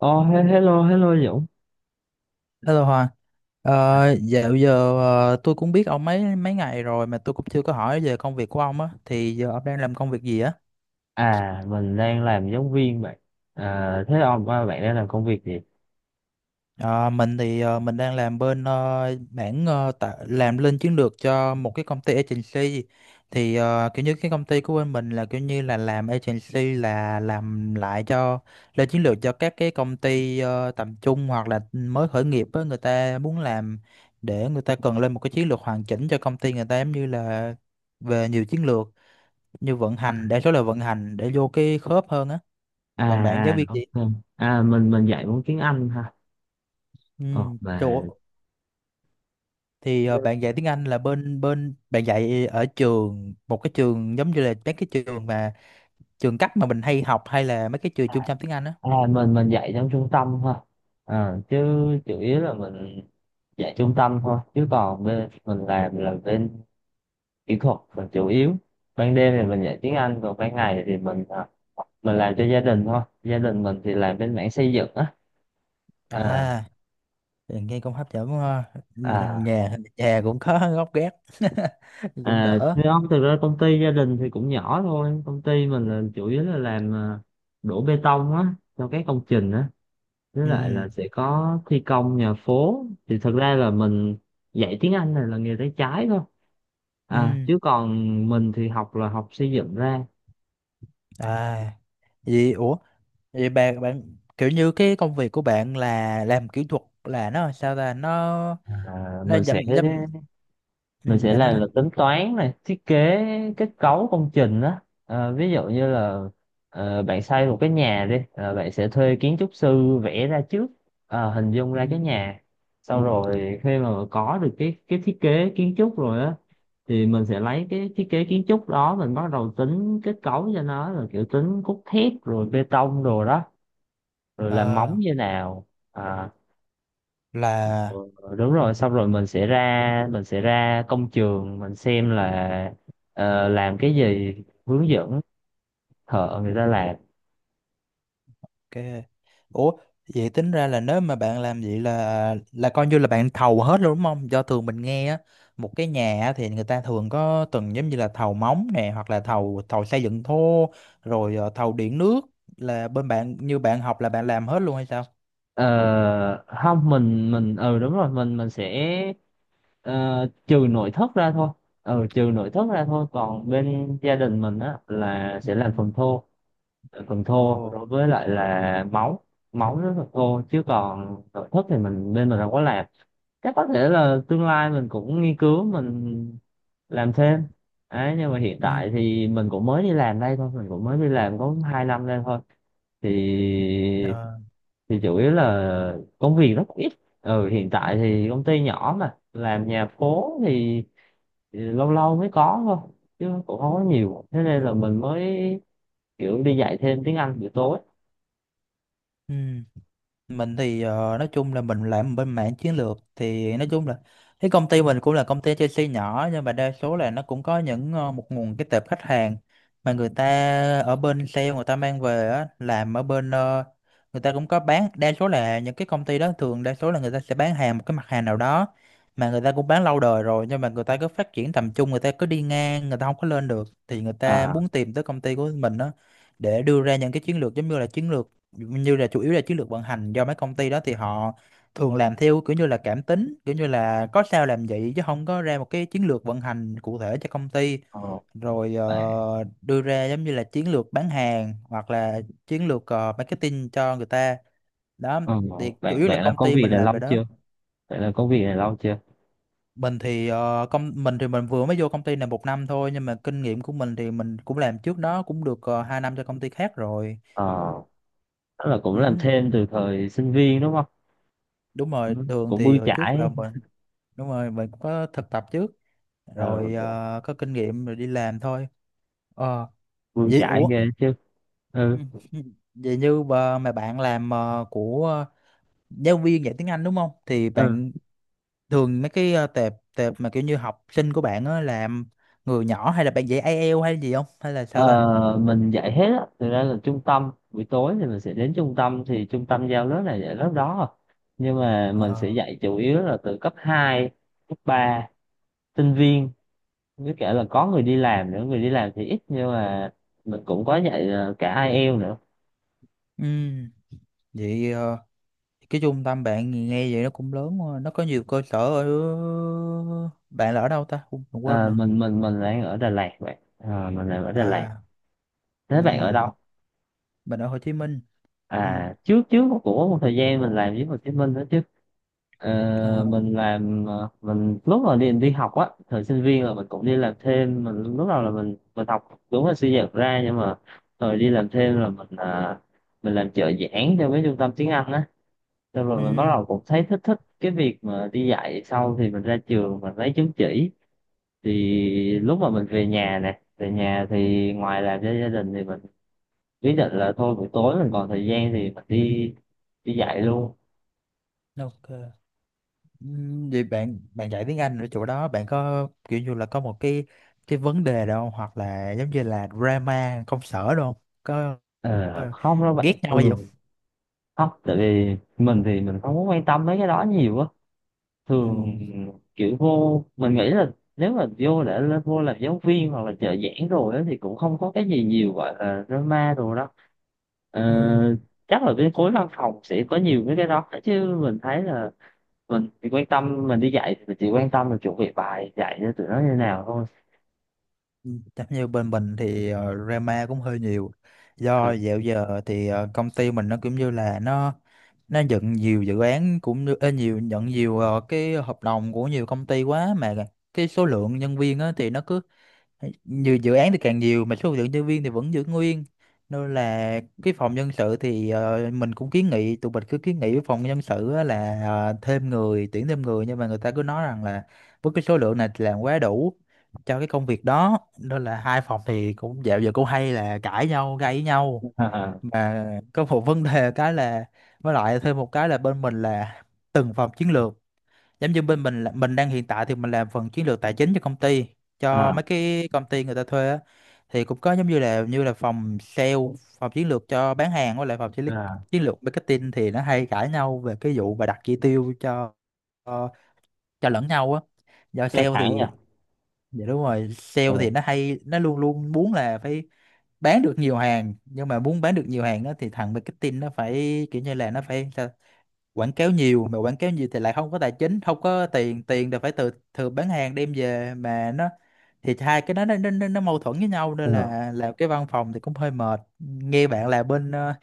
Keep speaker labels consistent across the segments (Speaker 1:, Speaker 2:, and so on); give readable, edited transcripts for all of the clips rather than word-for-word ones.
Speaker 1: Oh, hello, hello Dũng.
Speaker 2: Hello Hòa, ờ,
Speaker 1: À,
Speaker 2: dạo giờ tôi cũng biết ông mấy mấy ngày rồi mà tôi cũng chưa có hỏi về công việc của ông á, thì giờ ông đang làm công việc gì á?
Speaker 1: mình đang làm giáo viên bạn. À, thế ông à, bạn đang làm công việc gì?
Speaker 2: Ờ, mình thì mình đang làm bên mảng làm lên chiến lược cho một cái công ty agency. Thì kiểu như cái công ty của bên mình là kiểu như là làm agency là làm lại cho lên chiến lược cho các cái công ty tầm trung hoặc là mới khởi nghiệp á, người ta muốn làm để người ta cần lên một cái chiến lược hoàn chỉnh cho công ty người ta, giống như là về nhiều chiến lược như vận hành, đa số là vận hành để vô cái khớp hơn á.
Speaker 1: À,
Speaker 2: Còn bạn giáo viên chị.
Speaker 1: ok. À, mình dạy môn tiếng Anh ha. Ờ,
Speaker 2: Ừ,
Speaker 1: mà
Speaker 2: thì bạn dạy tiếng Anh là bên bên bạn dạy ở trường, một cái trường giống như là mấy cái trường mà trường cấp mà mình hay học, hay là mấy cái trường trung tâm tiếng Anh á.
Speaker 1: mình dạy trong trung tâm ha. À, chứ
Speaker 2: Ừ.
Speaker 1: chủ yếu là mình dạy trung tâm thôi. Chứ còn bên mình làm là bên kỹ thuật là chủ yếu. Ban đêm thì mình dạy tiếng Anh, còn ban ngày thì mình làm cho gia đình thôi. Gia đình mình thì làm bên mảng xây dựng á. À,
Speaker 2: À, nghe cũng hấp dẫn quá ha. Ừ,
Speaker 1: à.
Speaker 2: nhà nhà cũng có gốc gác. Cũng
Speaker 1: À,
Speaker 2: đỡ.
Speaker 1: thì không, thực ra công ty gia đình thì cũng nhỏ thôi. Công ty mình là chủ yếu là làm đổ bê tông á, cho các công trình á. Với lại
Speaker 2: Ừ
Speaker 1: là sẽ có thi công nhà phố. Thì thực ra là mình dạy tiếng Anh này là nghề tay trái thôi. À,
Speaker 2: ừ
Speaker 1: chứ còn mình thì học là học xây dựng ra.
Speaker 2: à vậy ủa vậy bạn bạn kiểu như cái công việc của bạn là làm kỹ thuật là nó sao ta
Speaker 1: À,
Speaker 2: nó
Speaker 1: mình sẽ
Speaker 2: dậm dậm ừ,
Speaker 1: mình sẽ
Speaker 2: bạn nói đi.
Speaker 1: làm là tính toán này thiết kế kết cấu công trình đó. Ví dụ
Speaker 2: Ừ.
Speaker 1: như là, bạn xây một cái nhà đi, bạn sẽ thuê kiến trúc sư vẽ ra trước, hình dung ra cái
Speaker 2: Ừ.
Speaker 1: nhà, sau rồi khi mà có được cái thiết kế kiến trúc rồi á thì mình sẽ lấy cái thiết kế kiến trúc đó mình bắt đầu tính kết cấu cho nó rồi kiểu tính cốt thép rồi bê tông rồi đó, rồi làm móng
Speaker 2: À,
Speaker 1: như nào. À, ừ,
Speaker 2: là.
Speaker 1: đúng rồi, xong rồi mình sẽ ra công trường mình xem là làm cái gì, hướng dẫn thợ người ta làm.
Speaker 2: Ok. Ủa, vậy tính ra là nếu mà bạn làm vậy là coi như là bạn thầu hết luôn đúng không? Do thường mình nghe á, một cái nhà á thì người ta thường có từng giống như là thầu móng nè, hoặc là thầu thầu xây dựng thô, rồi thầu điện nước, là bên bạn, như bạn học là bạn làm hết luôn hay sao?
Speaker 1: Ờ, không, mình ừ đúng rồi, mình sẽ ờ, trừ nội thất ra thôi, ừ trừ nội thất ra thôi, còn bên gia đình mình á là
Speaker 2: Ừ.
Speaker 1: sẽ làm phần thô, phần thô
Speaker 2: Ồ.
Speaker 1: đối với lại là móng, móng với phần thô, chứ còn nội thất thì mình bên mình không có làm. Chắc có thể là tương lai mình cũng nghiên cứu mình làm thêm đấy, nhưng mà hiện
Speaker 2: Ừ.
Speaker 1: tại thì mình cũng mới đi làm đây thôi, mình cũng mới đi làm có 2 năm đây thôi. thì
Speaker 2: Ờ.
Speaker 1: thì chủ yếu là công việc rất ít, ừ hiện tại thì công ty nhỏ mà làm nhà phố thì, lâu lâu mới có thôi, chứ cũng không có nhiều, thế
Speaker 2: Ừ.
Speaker 1: nên là mình mới kiểu đi dạy thêm tiếng Anh buổi tối.
Speaker 2: Ừ. Mình thì nói chung là mình làm bên mảng chiến lược, thì nói chung là cái công ty mình cũng là công ty Chelsea nhỏ, nhưng mà đa số là nó cũng có những một nguồn cái tệp khách hàng mà người ta ở bên sale người ta mang về á, làm ở bên người ta cũng có bán, đa số là những cái công ty đó thường đa số là người ta sẽ bán hàng một cái mặt hàng nào đó mà người ta cũng bán lâu đời rồi, nhưng mà người ta cứ phát triển tầm trung, người ta cứ đi ngang, người ta không có lên được, thì người ta
Speaker 1: à
Speaker 2: muốn tìm tới công ty của mình đó để đưa ra những cái chiến lược, giống như là chiến lược như là chủ yếu là chiến lược vận hành, do mấy công ty đó thì họ thường làm theo kiểu như là cảm tính, kiểu như là có sao làm vậy chứ không có ra một cái chiến lược vận hành cụ thể cho công ty.
Speaker 1: ờ,
Speaker 2: Rồi
Speaker 1: bạn,
Speaker 2: đưa ra giống như là chiến lược bán hàng, hoặc là chiến lược marketing cho người ta đó.
Speaker 1: ừ,
Speaker 2: Thì chủ
Speaker 1: bạn
Speaker 2: yếu là
Speaker 1: bạn là
Speaker 2: công
Speaker 1: công
Speaker 2: ty
Speaker 1: việc
Speaker 2: mình
Speaker 1: này
Speaker 2: làm
Speaker 1: lâu
Speaker 2: về đó.
Speaker 1: chưa? Bạn là công việc này lâu chưa
Speaker 2: Mình thì công mình thì mình vừa mới vô công ty này một năm thôi, nhưng mà kinh nghiệm của mình thì mình cũng làm trước đó cũng được hai năm cho công ty khác rồi.
Speaker 1: ờ Tức là cũng làm
Speaker 2: Ừ,
Speaker 1: thêm từ thời sinh viên đúng không?
Speaker 2: đúng rồi,
Speaker 1: Cũng,
Speaker 2: thường
Speaker 1: cũng
Speaker 2: thì
Speaker 1: bươn
Speaker 2: hồi trước
Speaker 1: chải.
Speaker 2: là mình đúng rồi, mình cũng có thực tập trước
Speaker 1: Ờ,
Speaker 2: rồi, có kinh nghiệm rồi đi làm thôi. Ờ.
Speaker 1: bươn
Speaker 2: Vậy
Speaker 1: chải
Speaker 2: ủa.
Speaker 1: ghê chứ. Ừ.
Speaker 2: Vậy như bà, mà bạn làm giáo viên dạy tiếng Anh đúng không, thì
Speaker 1: Ừ.
Speaker 2: bạn thường mấy cái tệp tệp mà kiểu như học sinh của bạn á, làm người nhỏ hay là bạn dạy IELTS hay gì không, hay là sao ta.
Speaker 1: Ờ, mình dạy hết á, thực ra là trung tâm buổi tối thì mình sẽ đến trung tâm thì trung tâm giao lớp này dạy lớp đó à. Nhưng mà mình sẽ
Speaker 2: Ờ.
Speaker 1: dạy chủ yếu là từ cấp 2, cấp 3, sinh viên, với cả là có người đi làm nữa, người đi làm thì ít nhưng mà mình cũng có dạy cả IELTS nữa.
Speaker 2: Ừ. Vậy cái trung tâm bạn nghe vậy nó cũng lớn quá. Nó có nhiều cơ sở ở, bạn là ở đâu ta? Ui, mình quên
Speaker 1: Ờ,
Speaker 2: rồi.
Speaker 1: mình đang ở Đà Lạt, vậy ờ, mình đang ở Đà
Speaker 2: À.
Speaker 1: Lạt,
Speaker 2: Ừ.
Speaker 1: thế bạn ở đâu?
Speaker 2: Mình ở Hồ Chí Minh. Ừ.
Speaker 1: À, trước trước của một thời gian mình làm với Hồ Chí Minh đó chứ. Ờ,
Speaker 2: Còn.
Speaker 1: mình làm, mình lúc mà đi đi học á thời sinh viên là mình cũng đi làm thêm, mình lúc đầu là mình học đúng là suy dật ra, nhưng mà rồi đi làm thêm là mình làm trợ giảng cho mấy trung tâm tiếng Anh á, xong rồi mình bắt
Speaker 2: Ừ.
Speaker 1: đầu cũng thấy thích thích cái việc mà đi dạy, sau thì mình ra trường mình lấy chứng chỉ.
Speaker 2: Ừ,
Speaker 1: Thì lúc mà mình về nhà thì ngoài làm cho gia đình thì mình, ý định là thôi buổi tối mình còn thời gian thì mình đi đi dạy luôn.
Speaker 2: ok. Ừ. Vậy bạn bạn dạy tiếng Anh ở chỗ đó bạn có kiểu như là có một cái vấn đề đâu không? Hoặc là giống như là drama công sở đâu không? có
Speaker 1: Ờ,
Speaker 2: có
Speaker 1: không đâu bạn,
Speaker 2: ghét nhau hay gì
Speaker 1: thường
Speaker 2: không?
Speaker 1: không, tại vì mình thì mình không có quan tâm mấy cái đó nhiều á, thường
Speaker 2: Ừ.
Speaker 1: kiểu vô mình nghĩ là nếu mà vô để lên vô làm giáo viên hoặc là trợ giảng rồi á thì cũng không có cái gì nhiều gọi là drama rồi đó. Ờ,
Speaker 2: Ừ.
Speaker 1: chắc là bên khối văn phòng sẽ có nhiều mấy cái đó, chứ mình thấy là mình chỉ quan tâm mình đi dạy thì mình chỉ quan tâm là chuẩn bị bài dạy cho tụi nó như nào thôi.
Speaker 2: Ừ. Chắc như bên mình thì drama cũng hơi nhiều, do dạo giờ thì công ty mình nó cũng như là nó nhận nhiều dự án, cũng như ê, nhiều nhận nhiều cái hợp đồng của nhiều công ty quá, mà cái số lượng nhân viên á, thì nó cứ nhiều dự án thì càng nhiều mà số lượng nhân viên thì vẫn giữ nguyên. Nên là cái phòng nhân sự thì mình cũng kiến nghị, tụi mình cứ kiến nghị với phòng nhân sự á là thêm người, tuyển thêm người, nhưng mà người ta cứ nói rằng là với cái số lượng này thì làm quá đủ cho cái công việc đó. Nên là hai phòng thì cũng dạo giờ cũng hay là cãi nhau, gây với nhau.
Speaker 1: Ờ,
Speaker 2: Mà có một vấn đề cái là với lại thêm một cái là bên mình là từng phòng chiến lược, giống như bên mình là mình đang hiện tại thì mình làm phần chiến lược tài chính cho công ty,
Speaker 1: à,
Speaker 2: cho
Speaker 1: à,
Speaker 2: mấy cái công ty người ta thuê á, thì cũng có giống như là phòng sale, phòng chiến lược cho bán hàng, với lại phòng
Speaker 1: à.
Speaker 2: chiến lược marketing, thì nó hay cãi nhau về cái vụ và đặt chỉ tiêu cho, cho lẫn nhau á, do
Speaker 1: Căng
Speaker 2: sale
Speaker 1: thẳng
Speaker 2: thì
Speaker 1: nhỉ.
Speaker 2: dạ đúng rồi, sale
Speaker 1: Ừ.
Speaker 2: thì nó hay, nó luôn luôn muốn là phải bán được nhiều hàng, nhưng mà muốn bán được nhiều hàng đó thì thằng marketing nó phải kiểu như là nó phải sao quảng cáo nhiều, mà quảng cáo nhiều thì lại không có tài chính, không có tiền, tiền thì phải từ từ bán hàng đem về, mà nó thì hai cái đó nó, nó mâu thuẫn với nhau,
Speaker 1: Ừ.
Speaker 2: nên là làm cái văn phòng thì cũng hơi mệt nghe bạn. Là bên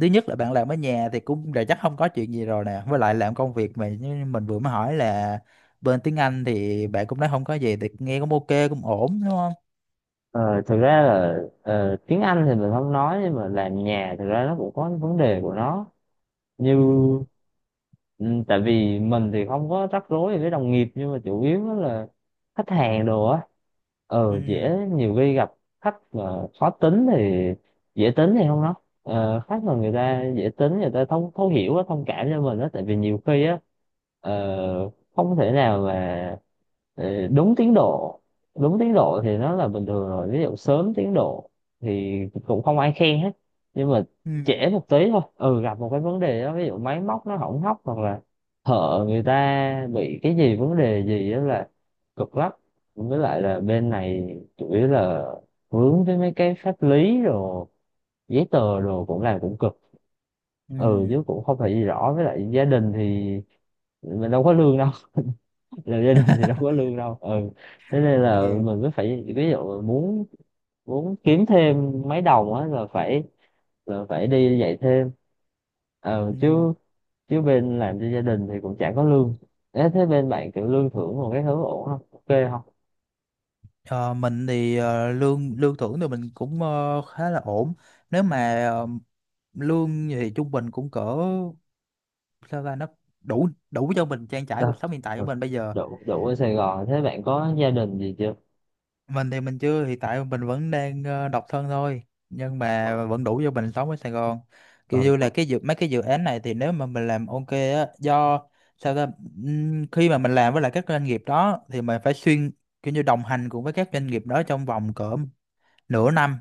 Speaker 2: thứ nhất là bạn làm ở nhà thì cũng đã chắc không có chuyện gì rồi nè, với lại làm công việc mà như mình vừa mới hỏi là bên tiếng Anh thì bạn cũng nói không có gì thì nghe cũng ok cũng ổn đúng không.
Speaker 1: Ờ, thực ra là tiếng Anh thì mình không nói, nhưng mà làm nhà thực ra nó cũng có cái vấn đề của nó, như
Speaker 2: Ừ.
Speaker 1: ừ, tại vì mình thì không có rắc rối gì với đồng nghiệp, nhưng mà chủ yếu á là khách hàng đồ á,
Speaker 2: Ừ.
Speaker 1: ờ dễ nhiều khi gặp khách mà khó tính thì, dễ tính thì không nói, khách mà người ta dễ tính người ta thấu thấu hiểu á, thông cảm cho mình á, tại vì nhiều khi á, ờ, không thể nào mà đúng tiến độ, đúng tiến độ thì nó là bình thường rồi, ví dụ sớm tiến độ thì cũng không ai khen hết, nhưng mà
Speaker 2: Ừ.
Speaker 1: trễ một tí thôi, ừ gặp một cái vấn đề đó, ví dụ máy móc nó hỏng hóc hoặc là thợ người ta bị cái gì vấn đề gì đó là cực lắm. Với lại là bên này chủ yếu là vướng với mấy cái pháp lý rồi giấy tờ đồ cũng làm cũng cực, ừ
Speaker 2: Ừ.
Speaker 1: chứ cũng không phải gì rõ, với lại gia đình thì mình đâu có lương đâu. Là gia đình thì đâu có lương đâu, ừ, thế nên là
Speaker 2: Yeah.
Speaker 1: mình cứ phải ví dụ muốn muốn kiếm thêm mấy đồng á là phải, là phải đi dạy thêm, ờ
Speaker 2: Ừ.
Speaker 1: chứ chứ bên làm cho gia đình thì cũng chả có lương. Ê, thế bên bạn kiểu lương thưởng một cái thứ ổn không? Ok không.
Speaker 2: Ờ, mình thì lương lương thưởng thì mình cũng khá là ổn. Nếu mà lương thì trung bình cũng cỡ sao ra nó đủ đủ cho mình trang trải
Speaker 1: Dạ.
Speaker 2: cuộc sống hiện tại của
Speaker 1: Ừ.
Speaker 2: mình bây giờ.
Speaker 1: Đủ đủ ở Sài Gòn, thế bạn có gia đình gì chưa?
Speaker 2: Mình thì mình chưa, hiện tại mình vẫn đang độc thân thôi, nhưng mà vẫn đủ cho mình sống ở Sài Gòn. Kiểu
Speaker 1: Ừ.
Speaker 2: như là cái dự mấy cái dự án này thì nếu mà mình làm ok á, do sao ta khi mà mình làm với lại các doanh nghiệp đó thì mình phải xuyên kiểu như đồng hành cùng với các doanh nghiệp đó trong vòng cỡ nửa năm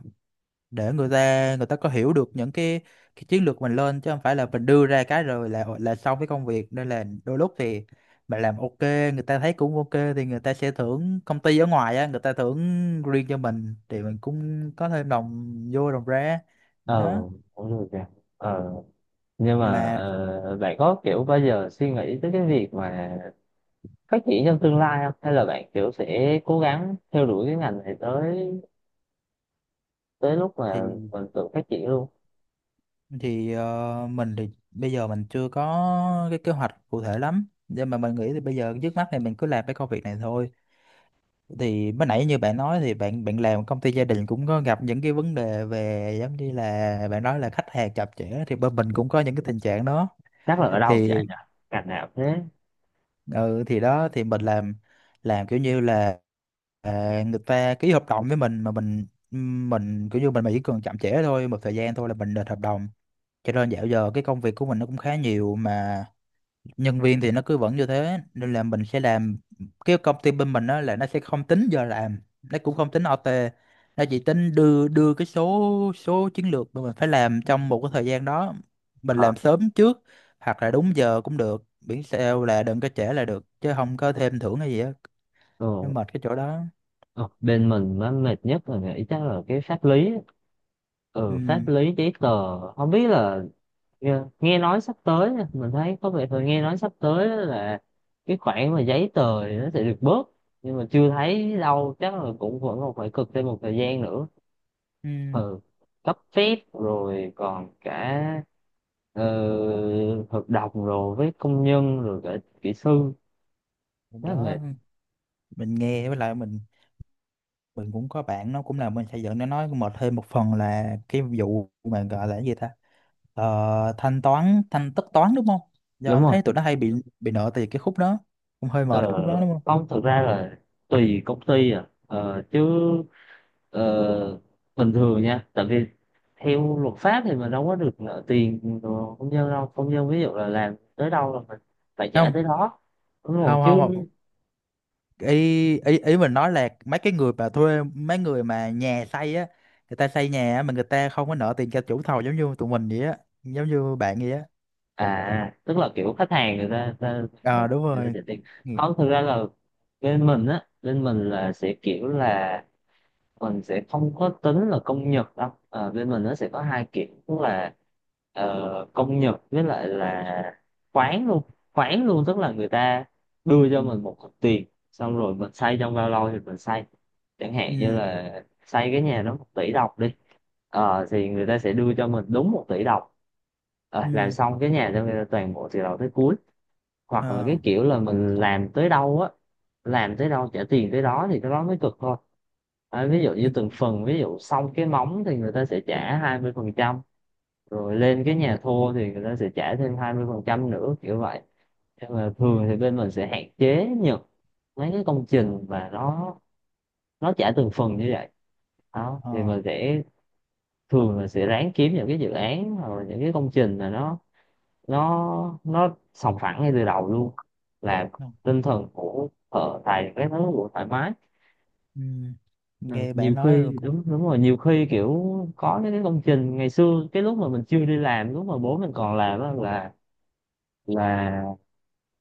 Speaker 2: để người ta, người ta có hiểu được những cái chiến lược mình lên, chứ không phải là mình đưa ra cái rồi là xong cái công việc. Nên là đôi lúc thì mình làm ok, người ta thấy cũng ok, thì người ta sẽ thưởng, công ty ở ngoài á người ta thưởng riêng cho mình, thì mình cũng có thêm đồng vô đồng ra
Speaker 1: Ờ,
Speaker 2: đó.
Speaker 1: cũng được kìa. Ờ, nhưng mà
Speaker 2: Mà
Speaker 1: bạn có kiểu bao giờ suy nghĩ tới cái việc mà phát triển trong tương lai không, hay là bạn kiểu sẽ cố gắng theo đuổi cái ngành này tới tới lúc mà
Speaker 2: thì
Speaker 1: mình tự phát triển luôn?
Speaker 2: thì mình thì bây giờ mình chưa có cái kế hoạch cụ thể lắm, nhưng mà mình nghĩ thì bây giờ trước mắt thì mình cứ làm cái công việc này thôi. Thì mới nãy như bạn nói thì bạn bạn làm công ty gia đình cũng có gặp những cái vấn đề về giống như là bạn nói là khách hàng chậm trễ, thì bên mình cũng có những cái tình trạng đó
Speaker 1: Chắc là ở đâu cũng
Speaker 2: thì.
Speaker 1: vậy nhỉ, ngành nào thế.
Speaker 2: Ừ, thì đó thì mình làm kiểu như là à, người ta ký hợp đồng với mình mà mình kiểu như mình mà chỉ cần chậm trễ thôi một thời gian thôi là mình đền hợp đồng. Cho nên dạo giờ cái công việc của mình nó cũng khá nhiều, mà nhân viên thì nó cứ vẫn như thế, nên là mình sẽ làm cái công ty bên mình đó là nó sẽ không tính giờ làm, nó cũng không tính OT, nó chỉ tính đưa đưa cái số số chiến lược mà mình phải làm trong một cái thời gian đó. Mình
Speaker 1: Ờ.
Speaker 2: làm sớm trước hoặc là đúng giờ cũng được, miễn sao là đừng có trễ là được, chứ không có thêm thưởng hay gì á. Nó
Speaker 1: Ừ.
Speaker 2: mệt cái chỗ đó.
Speaker 1: Ờ, bên mình nó mệt nhất là nghĩ chắc là cái pháp lý á. Ừ, pháp
Speaker 2: Ừ.
Speaker 1: lý giấy tờ không biết là, nghe nói sắp tới nha, mình thấy có vẻ là nghe nói sắp tới là cái khoản mà giấy tờ thì nó sẽ được bớt, nhưng mà chưa thấy đâu, chắc là cũng vẫn còn phải cực thêm một thời gian nữa.
Speaker 2: Ừ.
Speaker 1: Ừ, cấp phép rồi còn cả ờ, hợp đồng rồi với công nhân rồi cả kỹ sư, rất là mệt.
Speaker 2: Đó mình nghe, với lại mình cũng có bạn nó cũng làm bên xây dựng, nó nói mệt thêm một phần là cái vụ mà gọi là cái gì ta. Ờ, thanh toán thanh tất toán đúng không, giờ
Speaker 1: Đúng
Speaker 2: anh
Speaker 1: rồi.
Speaker 2: thấy tụi nó hay bị nợ tiền cái khúc đó, cũng hơi mệt
Speaker 1: ờ,
Speaker 2: khúc đó đúng không.
Speaker 1: Không, thực ra là tùy công ty à, ờ, bình thường nha, tại vì theo luật pháp thì mình đâu có được nợ tiền của công nhân đâu, công nhân ví dụ là làm tới đâu là mình phải trả
Speaker 2: Không
Speaker 1: tới đó đúng rồi
Speaker 2: không không
Speaker 1: chứ.
Speaker 2: không, ý ý ý mình nói là mấy cái người mà thuê mấy người mà nhà xây á, người ta xây nhà á, mà người ta không có nợ tiền cho chủ thầu giống như tụi mình vậy á, giống như bạn vậy á.
Speaker 1: À tức là kiểu khách hàng người ta ta
Speaker 2: Ờ đúng
Speaker 1: người ta
Speaker 2: rồi.
Speaker 1: trả tiền.
Speaker 2: Ừ.
Speaker 1: Không, thực ra là bên mình á, bên mình là sẽ kiểu là mình sẽ không có tính là công nhật đâu. Ờ, bên mình nó sẽ có hai kiểu tức là công nhật với lại là khoán luôn, khoán luôn tức là người ta
Speaker 2: Ừ.
Speaker 1: đưa cho mình một cục tiền, xong rồi mình xây trong bao lâu thì mình xây, chẳng hạn như
Speaker 2: Ừ.
Speaker 1: là xây cái nhà đó 1 tỷ đồng đi. Ờ, thì người ta sẽ đưa cho mình đúng 1 tỷ đồng, ờ, làm
Speaker 2: Ừ.
Speaker 1: xong cái nhà cho người ta toàn bộ từ đầu tới cuối, hoặc là
Speaker 2: Ờ.
Speaker 1: cái kiểu là mình làm tới đâu á, làm tới đâu trả tiền tới đó thì cái đó mới cực thôi. À, ví dụ
Speaker 2: Ừ.
Speaker 1: như từng phần, ví dụ xong cái móng thì người ta sẽ trả 20%, rồi lên cái nhà thua thì người ta sẽ trả thêm 20% nữa kiểu vậy. Nhưng mà thường
Speaker 2: Ừ.
Speaker 1: thì bên mình sẽ hạn chế nhận mấy cái công trình mà nó trả từng phần như vậy, đó thì
Speaker 2: Ờ.
Speaker 1: mình sẽ thường là sẽ ráng kiếm những cái dự án hoặc là những cái công trình mà nó sòng phẳng ngay từ đầu luôn, là
Speaker 2: Ừ.
Speaker 1: tinh thần của thợ tài các thứ cũng thoải mái.
Speaker 2: Ừ.
Speaker 1: Ừ,
Speaker 2: Nghe
Speaker 1: nhiều
Speaker 2: bạn nói rồi
Speaker 1: khi
Speaker 2: cũng
Speaker 1: đúng, đúng rồi, nhiều khi kiểu có những cái công trình ngày xưa cái lúc mà mình chưa đi làm, lúc mà bố mình còn làm á, là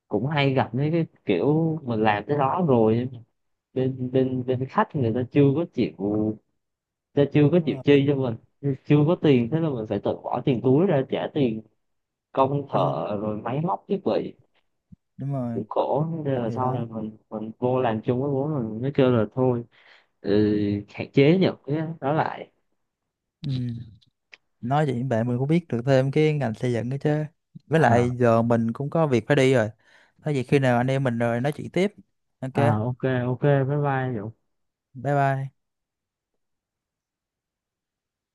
Speaker 1: cũng hay gặp mấy cái kiểu mình làm tới đó rồi nhưng mà bên bên bên khách người ta chưa có chịu, người ta chưa có
Speaker 2: đúng
Speaker 1: chịu
Speaker 2: rồi.
Speaker 1: chi cho mình, chưa có
Speaker 2: Ừ.
Speaker 1: tiền, thế là mình phải tự bỏ tiền túi ra trả tiền công
Speaker 2: Ừ,
Speaker 1: thợ rồi máy móc thiết bị
Speaker 2: đúng rồi.
Speaker 1: cũng khổ, thế nên là
Speaker 2: Thì
Speaker 1: sau
Speaker 2: đó.
Speaker 1: này mình vô làm chung với bố mình mới kêu là thôi, ừ, hạn chế những cái đó lại.
Speaker 2: Ừ. Nói chuyện với bạn mình cũng biết được thêm cái ngành xây dựng đó chứ. Với
Speaker 1: Ờ,
Speaker 2: lại giờ mình cũng có việc phải đi rồi. Có gì khi nào anh em mình rồi nói chuyện tiếp. Ok
Speaker 1: à, ok, ok bye bye Dũng.
Speaker 2: bye bye.